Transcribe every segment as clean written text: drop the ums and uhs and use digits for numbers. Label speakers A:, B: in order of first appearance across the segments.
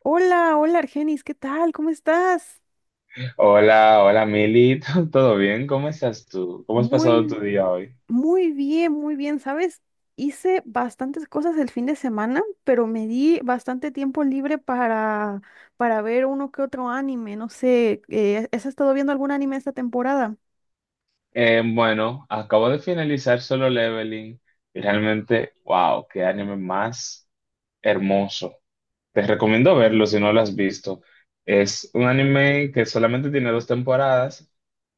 A: Hola, hola Argenis, ¿qué tal? ¿Cómo estás?
B: Hola, hola Mili, ¿todo bien? ¿Cómo estás tú? ¿Cómo has pasado
A: Muy,
B: tu día hoy?
A: muy bien, ¿sabes? Hice bastantes cosas el fin de semana, pero me di bastante tiempo libre para ver uno que otro anime. No sé, ¿has estado viendo algún anime esta temporada?
B: Bueno, acabo de finalizar Solo Leveling y realmente, wow, qué anime más hermoso. Te recomiendo verlo si no lo has visto. Es un anime que solamente tiene dos temporadas,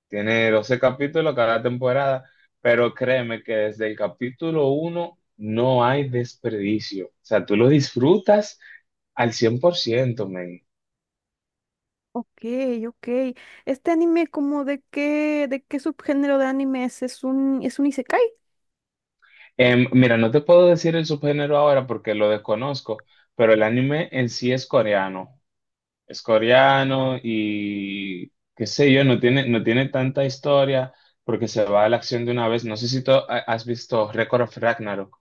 B: tiene 12 capítulos cada temporada, pero créeme que desde el capítulo uno no hay desperdicio. O sea, tú lo disfrutas al 100%, men.
A: Ok, ok. ¿Este anime como de qué subgénero de anime es? ¿Es es un isekai?
B: Mira, no te puedo decir el subgénero ahora porque lo desconozco, pero el anime en sí es coreano. Es coreano y qué sé yo, no tiene tanta historia porque se va a la acción de una vez. No sé si tú has visto Record of Ragnarok.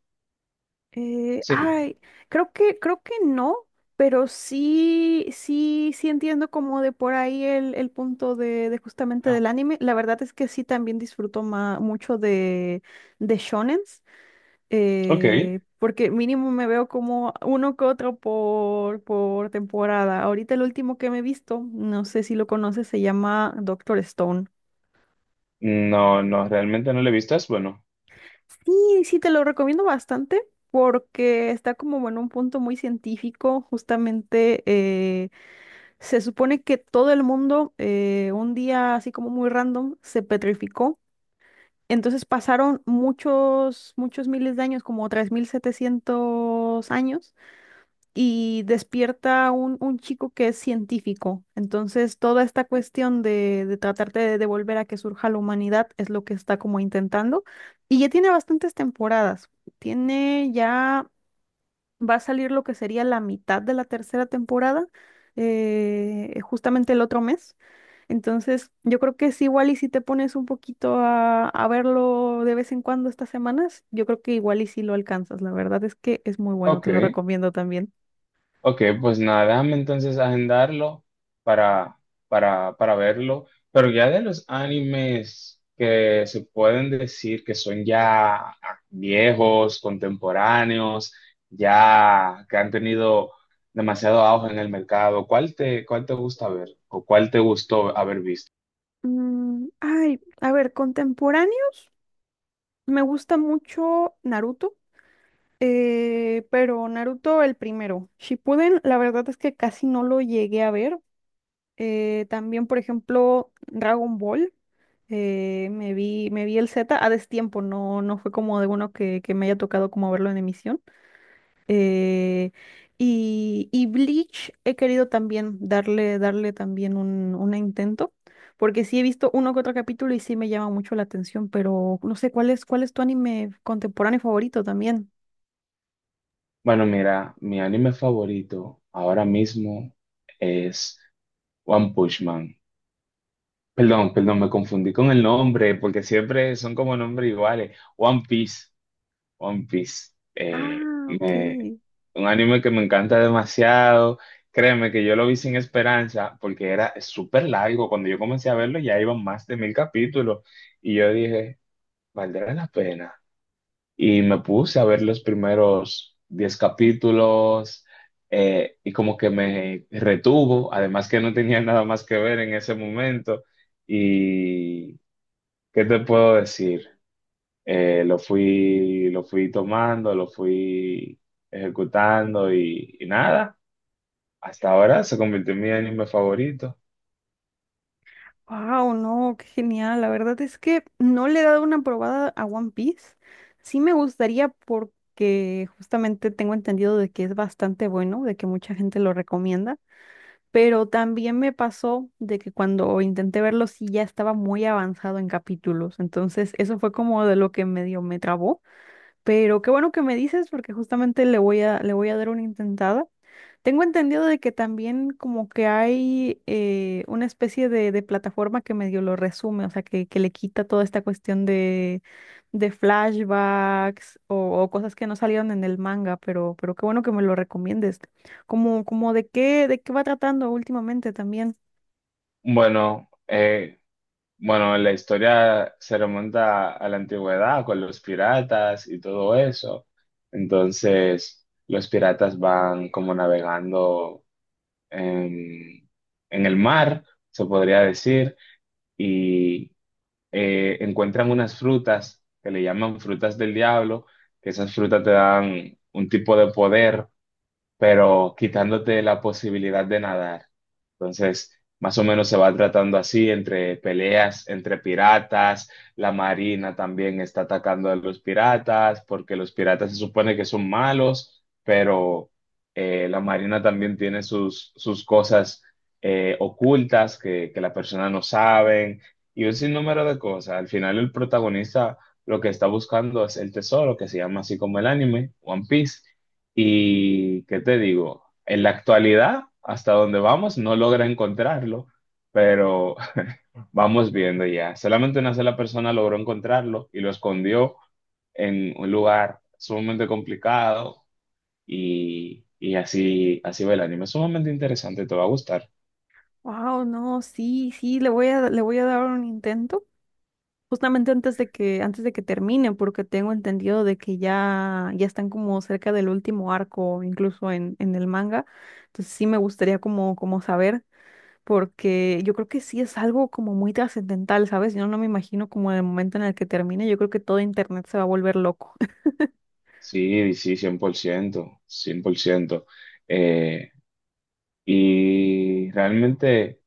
A: Eh,
B: Sí.
A: ay, creo que creo que no, pero sí, sí, sí entiendo como de por ahí el punto de justamente
B: Ah,
A: del anime. La verdad es que sí también disfruto mucho de shonens,
B: ok.
A: porque mínimo me veo como uno que otro por temporada. Ahorita el último que me he visto, no sé si lo conoces, se llama Doctor Stone.
B: No, no, realmente no lo he visto. Es bueno.
A: Sí, sí, te lo recomiendo bastante porque está como, bueno, un punto muy científico. Justamente se supone que todo el mundo un día así como muy random se petrificó. Entonces pasaron muchos, muchos miles de años, como 3700 años y despierta un chico que es científico. Entonces, toda esta cuestión de tratarte de devolver a que surja la humanidad es lo que está como intentando. Y ya tiene bastantes temporadas. Tiene ya, va a salir lo que sería la mitad de la tercera temporada, justamente el otro mes. Entonces, yo creo que es igual y si te pones un poquito a verlo de vez en cuando estas semanas, yo creo que igual y si lo alcanzas. La verdad es que es muy bueno,
B: Ok.
A: te lo recomiendo también.
B: Ok, pues nada, déjame entonces agendarlo para, para verlo. Pero ya de los animes que se pueden decir que son ya viejos, contemporáneos, ya que han tenido demasiado auge en el mercado, ¿cuál te gusta ver o cuál te gustó haber visto?
A: A ver, contemporáneo. Me gusta mucho Naruto, pero Naruto el primero. Shippuden, la verdad es que casi no lo llegué a ver. También, por ejemplo, Dragon Ball. Me vi el Z a destiempo, no, no fue como de uno que me haya tocado como verlo en emisión. Eh, y Bleach he querido también darle también un intento, porque sí he visto uno que otro capítulo y sí me llama mucho la atención, pero no sé cuál cuál es tu anime contemporáneo favorito también.
B: Bueno, mira, mi anime favorito ahora mismo es One Punch Man. Perdón, perdón, me confundí con el nombre, porque siempre son como nombres iguales. One Piece.
A: Ah, ok.
B: Un anime que me encanta demasiado. Créeme que yo lo vi sin esperanza, porque era súper largo. Cuando yo comencé a verlo ya iban más de mil capítulos. Y yo dije, ¿valdrá la pena? Y me puse a ver los primeros diez capítulos. Y como que me retuvo, además que no tenía nada más que ver en ese momento. Y ¿qué te puedo decir? Lo fui tomando, lo fui ejecutando y nada, hasta ahora se convirtió en mi anime favorito.
A: Wow, no, qué genial. La verdad es que no le he dado una probada a One Piece. Sí me gustaría porque justamente tengo entendido de que es bastante bueno, de que mucha gente lo recomienda. Pero también me pasó de que cuando intenté verlo sí ya estaba muy avanzado en capítulos. Entonces, eso fue como de lo que medio me trabó. Pero qué bueno que me dices porque justamente le voy a le voy a dar una intentada. Tengo entendido de que también como que hay una especie de plataforma que medio lo resume, o sea, que le quita toda esta cuestión de flashbacks o cosas que no salieron en el manga, pero qué bueno que me lo recomiendes. Como, como de qué va tratando últimamente también.
B: Bueno, eh, bueno, la historia se remonta a la antigüedad con los piratas y todo eso. Entonces, los piratas van como navegando en, en el mar, se podría decir, y encuentran unas frutas que le llaman frutas del diablo, que esas frutas te dan un tipo de poder pero quitándote la posibilidad de nadar. Entonces, más o menos se va tratando así, entre peleas, entre piratas, la marina también está atacando a los piratas, porque los piratas se supone que son malos, pero la marina también tiene sus cosas ocultas que la persona no saben, y un sinnúmero de cosas. Al final el protagonista lo que está buscando es el tesoro, que se llama así como el anime, One Piece. Y, ¿qué te digo? En la actualidad, hasta donde vamos, no logra encontrarlo, pero vamos viendo ya. Solamente una sola persona logró encontrarlo y lo escondió en un lugar sumamente complicado y así, así va el anime. Es sumamente interesante, te va a gustar.
A: Wow, no, sí, sí, le voy a le voy a dar un intento. Justamente antes antes de que termine, porque tengo entendido de que ya, ya están como cerca del último arco, incluso en el manga. Entonces sí me gustaría como, como saber, porque yo creo que sí es algo como muy trascendental, ¿sabes? Yo no me imagino como el momento en el que termine, yo creo que todo internet se va a volver loco.
B: Sí, sí, 100%, 100%. Eh, y realmente,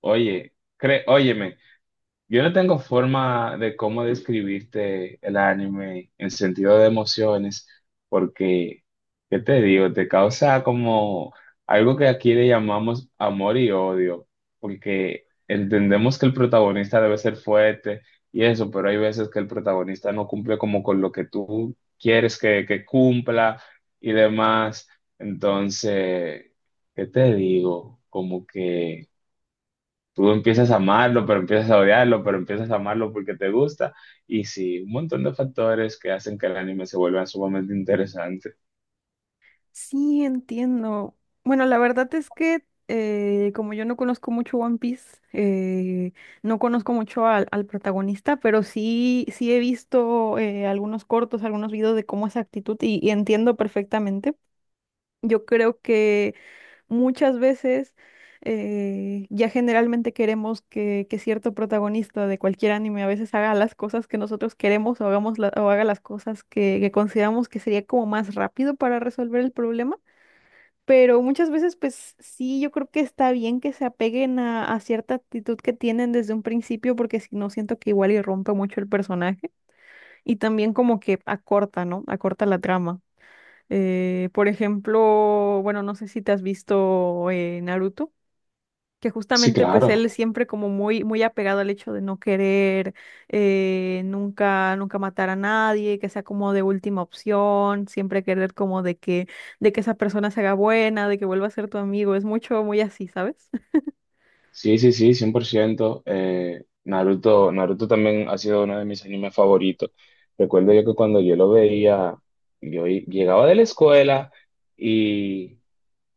B: oye, cre óyeme, yo no tengo forma de cómo describirte el anime en sentido de emociones, porque, ¿qué te digo? Te causa como algo que aquí le llamamos amor y odio, porque entendemos que el protagonista debe ser fuerte y eso, pero hay veces que el protagonista no cumple como con lo que tú quieres que cumpla y demás. Entonces, ¿qué te digo? Como que... Tú empiezas a amarlo, pero empiezas a odiarlo, pero empiezas a amarlo porque te gusta. Y sí, un montón de factores que hacen que el anime se vuelva sumamente interesante.
A: Sí, entiendo. Bueno, la verdad es que como yo no conozco mucho One Piece, no conozco mucho al protagonista, pero sí, sí he visto algunos cortos, algunos videos de cómo es su actitud y entiendo perfectamente. Yo creo que muchas veces ya generalmente queremos que cierto protagonista de cualquier anime a veces haga las cosas que nosotros queremos o, o haga las cosas que consideramos que sería como más rápido para resolver el problema. Pero muchas veces, pues sí, yo creo que está bien que se apeguen a cierta actitud que tienen desde un principio, porque si no, siento que igual y rompe mucho el personaje y también como que acorta, ¿no? Acorta la trama. Por ejemplo, bueno, no sé si te has visto Naruto, que
B: Sí,
A: justamente pues
B: claro.
A: él siempre como muy muy apegado al hecho de no querer nunca nunca matar a nadie, que sea como de última opción, siempre querer como de que esa persona se haga buena, de que vuelva a ser tu amigo, es mucho muy así, ¿sabes?
B: Sí, sí, sí, 100%. Naruto también ha sido uno de mis animes favoritos. Recuerdo yo que cuando yo lo veía, llegaba de la escuela y,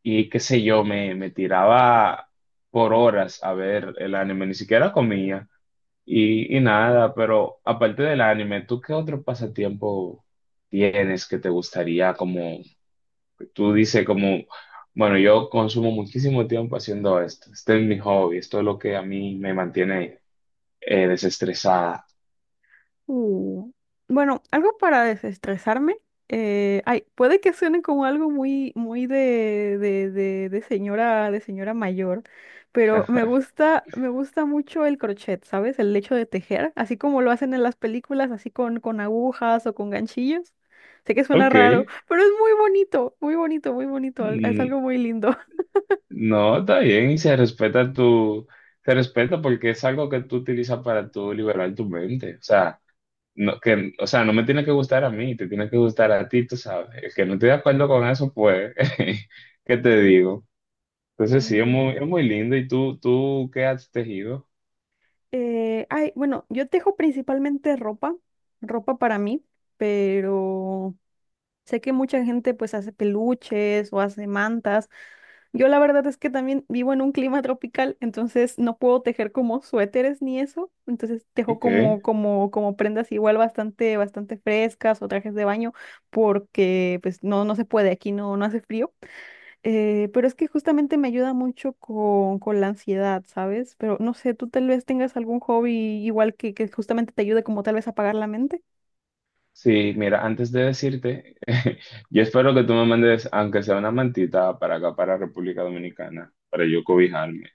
B: y qué sé yo, me tiraba por horas a ver el anime, ni siquiera comía. Y nada, pero aparte del anime, ¿tú qué otro pasatiempo tienes que te gustaría? Como tú dices, como, bueno, yo consumo muchísimo tiempo haciendo esto. Este es mi hobby, esto es lo que a mí me mantiene desestresada.
A: Uh, Bueno, algo para desestresarme. Puede que suene como algo muy, muy de señora mayor, pero me gusta mucho el crochet, ¿sabes? El hecho de tejer, así como lo hacen en las películas, así con agujas o con ganchillos. Sé que suena
B: Ok,
A: raro, pero es muy bonito, muy bonito, muy bonito. Es
B: mm,
A: algo muy lindo.
B: no, está bien y se respeta porque es algo que tú utilizas para tú liberar tu mente. O sea, no, o sea, no me tiene que gustar a mí, te tiene que gustar a ti, tú sabes. El que no esté de acuerdo con eso, pues, ¿qué te digo? Entonces sí,
A: Sí.
B: es muy lindo. ¿Y tú qué has tejido?
A: Bueno, yo tejo principalmente ropa, ropa para mí, pero sé que mucha gente pues hace peluches o hace mantas. Yo la verdad es que también vivo en un clima tropical, entonces no puedo tejer como suéteres ni eso. Entonces tejo
B: ¿Y qué?
A: como, como, como prendas igual bastante, bastante frescas o trajes de baño porque pues no, no se puede, aquí no, no hace frío. Pero es que justamente me ayuda mucho con la ansiedad, ¿sabes? Pero no sé, tú tal vez tengas algún hobby igual que justamente te ayude como tal vez a apagar la mente.
B: Sí, mira, antes de decirte, yo espero que tú me mandes, aunque sea una mantita, para acá, para República Dominicana, para yo cobijarme.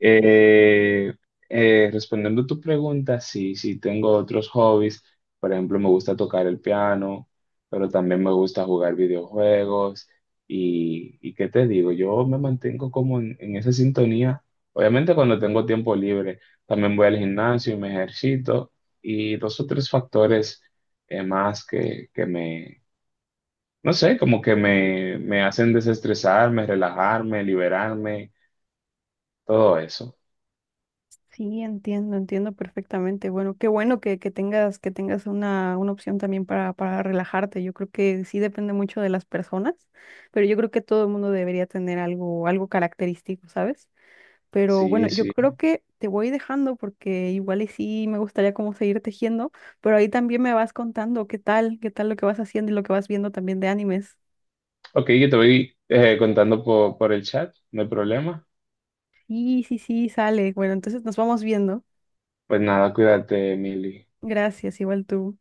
B: Eh, Respondiendo a tu pregunta, sí, sí, tengo otros hobbies. Por ejemplo, me gusta tocar el piano, pero también me gusta jugar videojuegos. Y qué te digo, yo me mantengo como en esa sintonía. Obviamente cuando tengo tiempo libre, también voy al gimnasio y me ejercito. Y dos o tres factores más que me, no sé, como que me hacen desestresarme, relajarme, liberarme, todo eso.
A: Sí, entiendo, entiendo perfectamente. Bueno, qué bueno que tengas una opción también para relajarte. Yo creo que sí depende mucho de las personas, pero yo creo que todo el mundo debería tener algo, algo característico, ¿sabes? Pero bueno,
B: Sí,
A: yo
B: sí.
A: creo que te voy dejando porque igual y sí me gustaría como seguir tejiendo, pero ahí también me vas contando qué tal lo que vas haciendo y lo que vas viendo también de animes.
B: Ok, yo te voy contando por el chat, no hay problema.
A: Sí, sí, sí, sale. Bueno, entonces nos vamos viendo.
B: Pues nada, cuídate, Mili.
A: Gracias, igual tú.